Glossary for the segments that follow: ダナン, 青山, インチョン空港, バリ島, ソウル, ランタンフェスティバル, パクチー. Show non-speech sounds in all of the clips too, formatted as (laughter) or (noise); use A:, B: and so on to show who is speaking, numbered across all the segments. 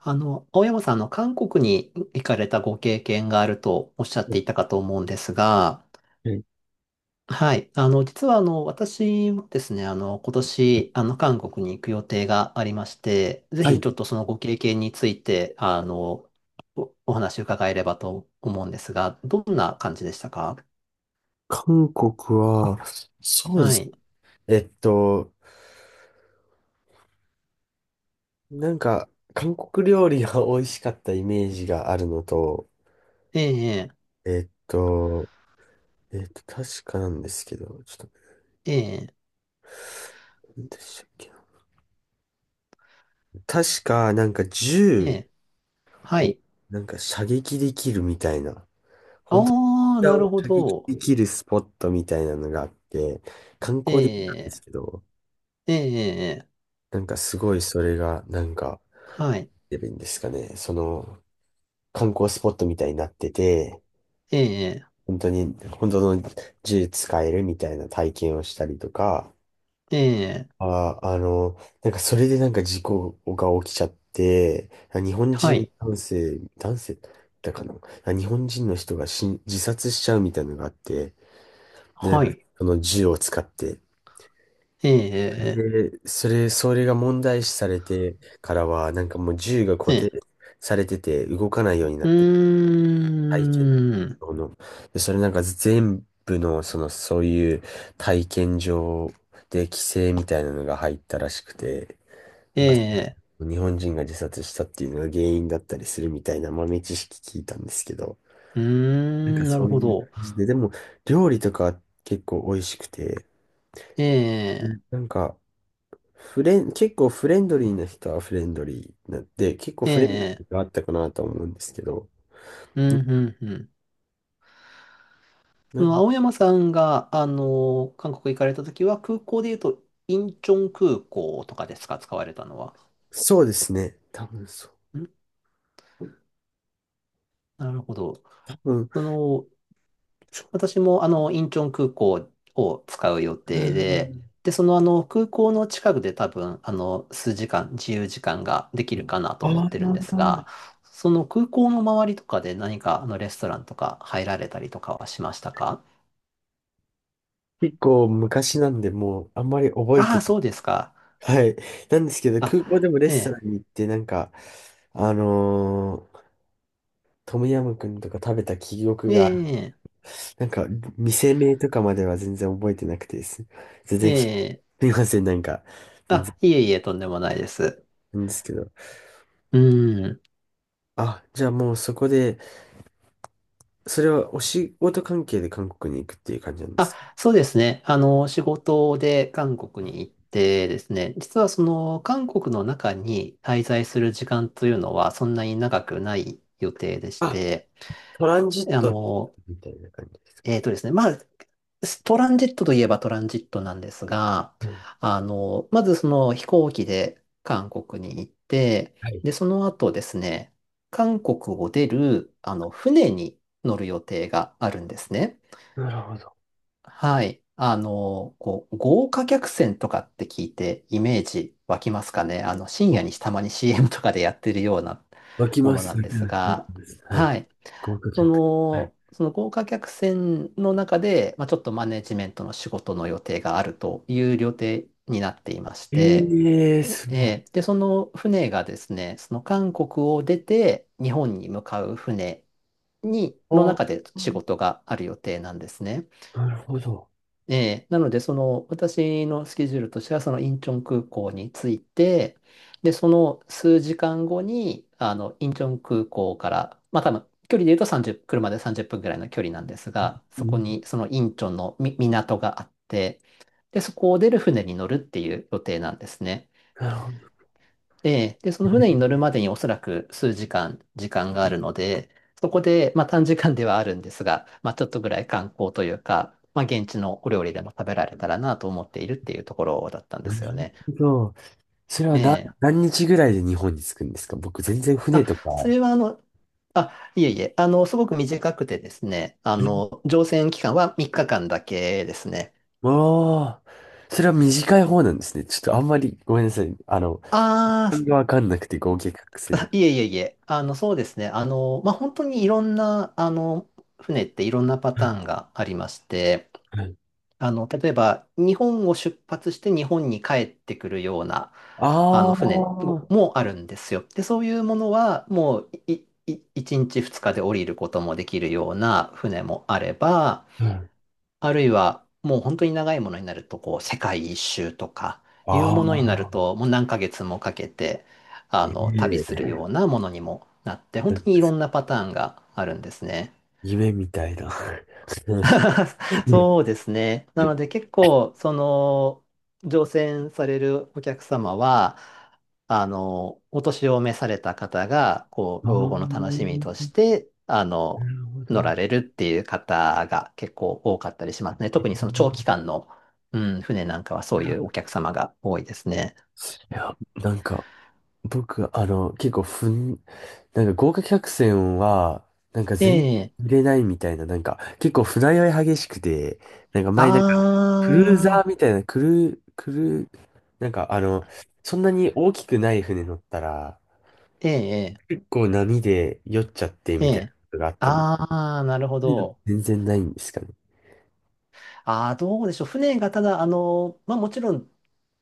A: 青山さん、韓国に行かれたご経験があるとおっしゃっ
B: え
A: ていたかと思うんですが、
B: ー
A: はい。実は、私もですね、今年、韓国に行く予定がありまして、ぜ
B: は
A: ひ、ちょっ
B: い。
A: とそのご経験について、お話を伺えればと思うんですが、どんな感じでしたか？
B: 韓国は、そうで
A: は
B: す。
A: い。
B: えっと、なんか、韓国料理が美味しかったイメージがあるのと、
A: ええ、
B: えっと、確かなんですけど、ちょっと、
A: ええ、
B: 何でしたっけな。確か、なんか
A: え
B: 銃
A: え、は
B: を、
A: い。
B: なんか射撃できるみたいな、本当
A: ああ、な
B: に
A: るほ
B: 射撃
A: ど。
B: できるスポットみたいなのがあって、観
A: え
B: 光できたんです
A: え、
B: けど、
A: ええ、
B: なんかすごいそれが、なんか、
A: はい。
B: 出るんですかね。その、観光スポットみたいになってて、
A: ええ、
B: 本当に、本当の銃使えるみたいな体験をしたりとか、
A: ええ、
B: あの、なんかそれでなんか事故が起きちゃって、日本
A: は
B: 人
A: い。
B: 男性、男性だかな、日本人の人がしん自殺しちゃうみたいなのがあって、で、なん
A: は
B: か
A: い。
B: その銃を使って、
A: ええ、
B: で、それが問題視されてからは、なんかもう銃が
A: え
B: 固定
A: え、
B: されてて動かないようにな
A: う
B: って体験
A: ーん、
B: 場の。で、それなんか全部の、その、そういう体験場で規制みたいなのが入ったらしくて、
A: え
B: なんか
A: え、
B: 日本人が自殺したっていうのが原因だったりするみたいな豆知識聞いたんですけど、
A: うー
B: なんか
A: ん、な
B: そ
A: る
B: う
A: ほ
B: いう感
A: ど。
B: じで、でも料理とかは結構美味しくて、
A: え
B: う
A: え、
B: んなんかフレン、結構フレンドリーな人はフレンドリーなで、結構
A: え
B: フレンド
A: え、
B: リーがあったかなと思うんですけど、
A: うん、うん、うん。そ
B: な
A: の
B: ん
A: 青山さんが、韓国行かれたときは、空港で言うと、インチョン空港とかですか、使われたのは。
B: そうですね。多分そう。
A: ん、なるほど。
B: 多分、
A: その、
B: ち
A: 私もインチョン空港を使う予
B: う
A: 定で、
B: ん。
A: で、その空港の近くで多分、数時間、自由時間ができるかなと
B: あ
A: 思っ
B: あ、
A: てるんですが、その空港の周りとかで何かレストランとか入られたりとかはしましたか？
B: 結構昔なんで、もうあんまり覚え
A: あ
B: て
A: あ、
B: な
A: そうですか。
B: い。はい。なんですけど、空港で
A: あ、
B: もレ
A: え
B: ストラ
A: え、
B: ンに行って、なんか、あのートムヤムクンとか食べた記憶
A: え
B: が、
A: え、
B: なんか、店名とかまでは全然覚えてなくてです。全
A: え
B: 然き、す
A: え、
B: みません、なんか、全然、
A: あ、いえいえ、とんでもないです。
B: なんですけど。
A: うん。
B: あ、じゃあもうそこで、それはお仕事関係で韓国に行くっていう感じなんです
A: あ、
B: か？
A: そうですね。仕事で韓国に行ってですね、実はその韓国の中に滞在する時間というのはそんなに長くない予定でし
B: あ、
A: て、
B: トランジッ
A: あ
B: ト
A: の、
B: みたいな感じですか？
A: えーとですね、まあ、トランジットといえばトランジットなんですが、
B: はい。
A: まずその飛行機で韓国に行って、
B: はい、
A: で、その後ですね、韓国を出る、船に乗る予定があるんですね。
B: なるほど。
A: はい。豪華客船とかって聞いてイメージ湧きますかね。深夜にたまに CM とかでやってるような
B: 湧き
A: も
B: ま
A: のな
B: す
A: ん
B: 湧
A: で
B: き
A: す
B: まし湧き
A: が、
B: ます、はい。
A: はい。
B: 細かくなった。
A: その豪華客船の中で、まあ、ちょっとマネジメントの仕事の予定があるという予定になっていまし
B: え
A: て、
B: え、す
A: で、その船がですね、その韓国を出て日本に向かうの
B: ごい。
A: 中で仕事がある予定なんですね。
B: なるほど。
A: ええ、なので、その、私のスケジュールとしては、そのインチョン空港に着いて、で、その数時間後に、インチョン空港から、まあ多分、距離で言うと30、車で30分ぐらいの距離なんですが、
B: う
A: そこ
B: ん。
A: に、そのインチョンのみ港があって、で、そこを出る船に乗るっていう予定なんですね。
B: なるほど。
A: で、その船に乗るまでにおそらく数時間、時間があるので、そこで、まあ短時間ではあるんですが、まあちょっとぐらい観光というか、まあ現地のお料理でも食べられたらなと思っているっていうところだったんで
B: な
A: すよ
B: る
A: ね。
B: ほど。それ
A: え
B: はな、
A: え。
B: 何日ぐらいで日本に着くんですか？僕全然
A: あ、
B: 船とか。
A: それはあ、いえいえ、すごく短くてですね、
B: え、
A: 乗船期間は3日間だけですね。
B: ああ、それは短い方なんですね。ちょっとあんまりごめんなさい。あの、
A: あ
B: 単語わかんなくて合計隠せん。
A: あ、いえいえいえ、そうですね、まあ本当にいろんな、船っていろんなパターンがありまして、
B: はい。
A: 例えば、日本を出発して日本に帰ってくるような、
B: ああ、
A: 船
B: う
A: もあるんですよ。で、そういうものは、もう、1日2日で降りることもできるような船もあれば、
B: ん。
A: あるいは、もう本当に長いものになると、こう、世界一周とか、いう
B: あ
A: ものになる
B: あ、
A: と、もう何ヶ月もかけて、
B: え
A: 旅する
B: え、
A: ようなものにもなって、本当にいろんなパターンがあるんですね。
B: 夢みたいな。(laughs) 話。う
A: (laughs)
B: ん、
A: そうですね。なので結構、その、乗船されるお客様は、お年を召された方が、こう、
B: ああ、
A: 老後の楽しみとして、
B: なるほ
A: 乗
B: ど。
A: られるっていう方が結構多かったりしますね。特にその長
B: い
A: 期間の、うん、船なんかはそういうお客様が多いですね。
B: や、なんか、僕、あの、結構ふん、なんか豪華客船は、なんか
A: え
B: 全然
A: え、
B: 売れないみたいな、なんか、結構船酔い激しくて、なんか前なんかクルーザ
A: あ
B: ー
A: あ、
B: みたいな、クルー、クルー、なんかあの、そんなに大きくない船乗ったら、
A: ええ、
B: 結構波で酔っちゃって
A: え
B: みたいなこ
A: え、
B: とがあったの。そ
A: ああ、なるほ
B: ういうの
A: ど。
B: 全然ないんですかね。
A: ああ、どうでしょう。船がただ、まあもちろん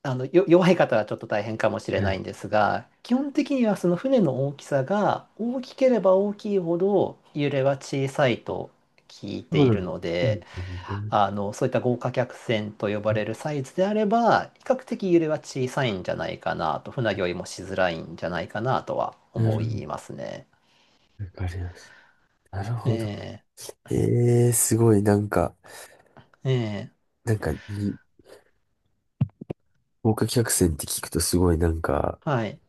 A: 弱い方はちょっと大変かもしれ
B: は
A: な
B: い、
A: いんですが、基本的にはその船の大きさが大きければ大きいほど揺れは小さいと聞いて
B: そう
A: い
B: なん
A: る
B: です。
A: の
B: うん、
A: で、
B: うん、
A: そういった豪華客船と呼ばれるサイズであれば、比較的揺れは小さいんじゃないかなと、船酔いもしづらいんじゃないかなとは
B: な
A: 思
B: るほ
A: いますね。
B: ど、わかります。なるほど。
A: ええ、
B: ええ、すごい、なんか、
A: ええ、
B: なんかに、豪華客船って聞くとすごいなんか、
A: はい。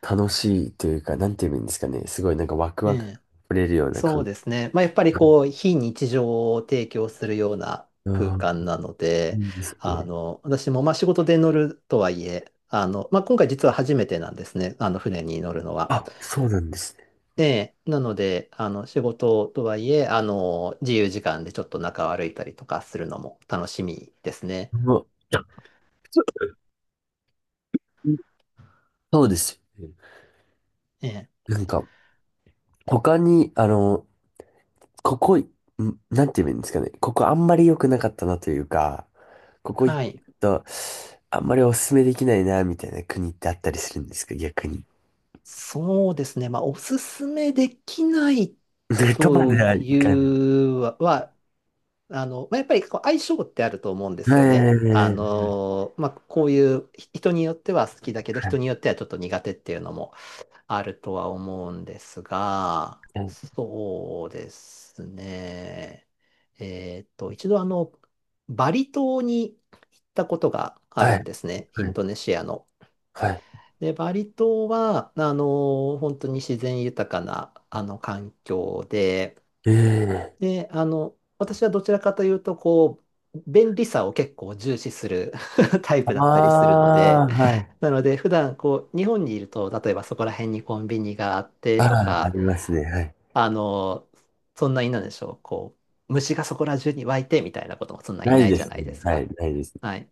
B: 楽しいというか、なんて言えばいいんですかね。すごいなんかワク
A: え
B: ワクが
A: え、
B: 触れるような
A: そ
B: 感
A: う
B: じ。
A: ですね。まあ、やっぱりこう、非日常を提供するような空
B: ああ、
A: 間なので、
B: いいですね。
A: 私もまあ仕事で乗るとはいえ、まあ、今回実は初めてなんですね。船に乗るのは。
B: あ、そうなんですね。
A: で、なので、仕事とはいえ、自由時間でちょっと中を歩いたりとかするのも楽しみですね。
B: うわ、そそうですよね。
A: ええ、
B: なんか、他に、あの、ここ、ん、なんて言えばいいんですかね。ここあんまり良くなかったなというか、ここ行
A: はい。
B: くと、あんまりおすすめできないな、みたいな国ってあったりするんですか、逆に。
A: そうですね。まあ、おすすめできない
B: (laughs) で、とまで
A: と
B: はい
A: い
B: かない。
A: うは、あの、まあ、やっぱりこう相性ってあると思うんで
B: え
A: すよね。
B: え、
A: まあ、こういうひ人によっては好きだけど、
B: はい、
A: 人によってはちょっと苦手っていうのもあるとは思うんですが、そうですね。一度バリ島に行ったことがあ
B: は
A: るん
B: い、
A: ですね。イ
B: は
A: ン
B: い、
A: ドネシアの。
B: はい。
A: で、バリ島は、本当に自然豊かな、環境で、
B: ええ、
A: で、私はどちらかというと、便利さを結構重視する (laughs) タイプだったりするので、
B: ああ、はい。
A: なので、普段こう、日本にいると、例えばそこら辺にコンビニがあっ
B: あ
A: てと
B: あ、あ
A: か、
B: りますね、はい。
A: あの、そんなになんでしょう、虫がそこら中に湧いてみたいなこともそんなに
B: ない
A: ない
B: で
A: じゃ
B: す
A: ない
B: ね、
A: です
B: はい、
A: か。
B: ないです
A: は
B: ね。
A: い。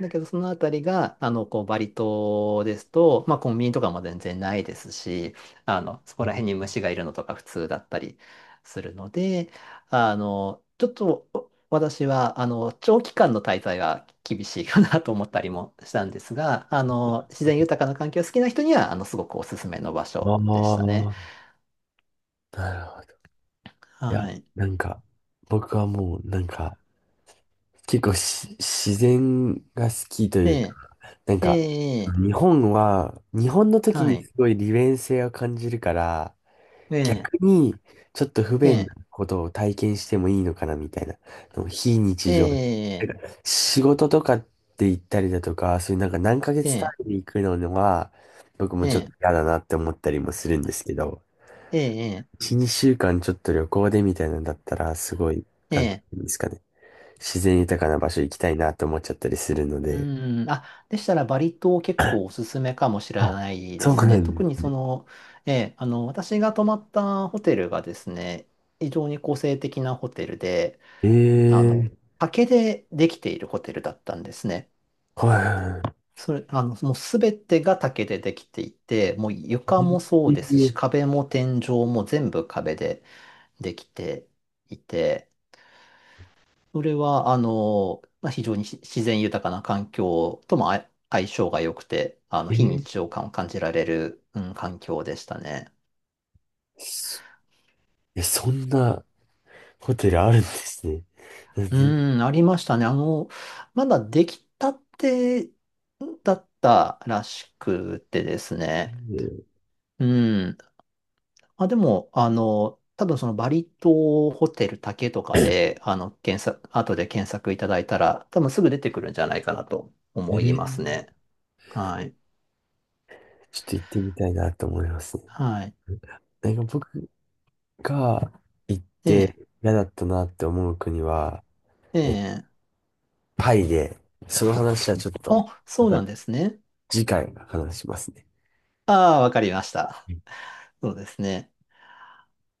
A: だけど、そのあたりが、バリ島ですと、まあ、コンビニとかも全然ないですし、そこら辺に虫がいるのとか普通だったりするので、ちょっと、私は、長期間の滞在は厳しいかなと思ったりもしたんですが、自然豊かな環境が好きな人には、すごくおすすめの場
B: あ
A: 所でした
B: あ、
A: ね。
B: なるほど。いや、
A: はい。
B: なんか、僕はもう、なんか、結構し、自然が好きというか、
A: え
B: なん
A: え、え
B: か、
A: え、
B: 日本は、日本の時
A: は
B: に
A: い。
B: すごい利便性を感じるから、
A: ええ、
B: 逆に、ちょっと不
A: え
B: 便
A: え、
B: なことを体験してもいいのかな、みたいな、非
A: え
B: 日常
A: え、
B: 仕事とかって行ったりだとか、そういうなんか何ヶ月単
A: え
B: 位
A: え、
B: で行くのは、僕も
A: え
B: ちょっと
A: え、
B: 嫌だなって思ったりもするんですけど、
A: ええ、
B: 1、2週間ちょっと旅行でみたいなんだったら、すごい、
A: え
B: なんてい
A: え、
B: うんですかね、自然豊かな場所行きたいなって思っちゃったりするの
A: う
B: で。
A: ん。あ、でしたらバリ島結構おすすめかもしれ
B: あ、
A: ないで
B: そう
A: す
B: な
A: ね。
B: ん
A: 特
B: で
A: に
B: す
A: そ
B: ね。
A: の、ええ、私が泊まったホテルがですね、非常に個性的なホテルで、
B: え
A: あの、
B: え、
A: 竹でできているホテルだったんですね。
B: はい、
A: それ、もうすべてが竹でできていて、もう床もそうですし、
B: え
A: 壁も天井も全部壁でできていて、それは、まあ、非常に自然豊かな環境とも相性が良くて、
B: え、
A: 非
B: え
A: 日
B: え、
A: 常感を感じられる、うん、環境でしたね。
B: そ、えそんなホテルあるんですね。なんで、
A: うん、ありましたね。まだできたてだったらしくてですね。うん。まあ、でも、多分そのバリ島ホテル竹とかで、後で検索いただいたら、多分すぐ出てくるんじゃないかなと思います
B: ええ、
A: ね。はい。
B: ちょっと行ってみたいなと思いますね。
A: はい。
B: なんか僕、が行っ
A: え
B: て嫌だったなって思う国は、
A: え、
B: え、
A: ええ、
B: タイで、その話はちょっと、
A: お、
B: ま
A: そう
B: た
A: なんですね。
B: 次回話しますね。
A: ああ、わかりました。そうですね。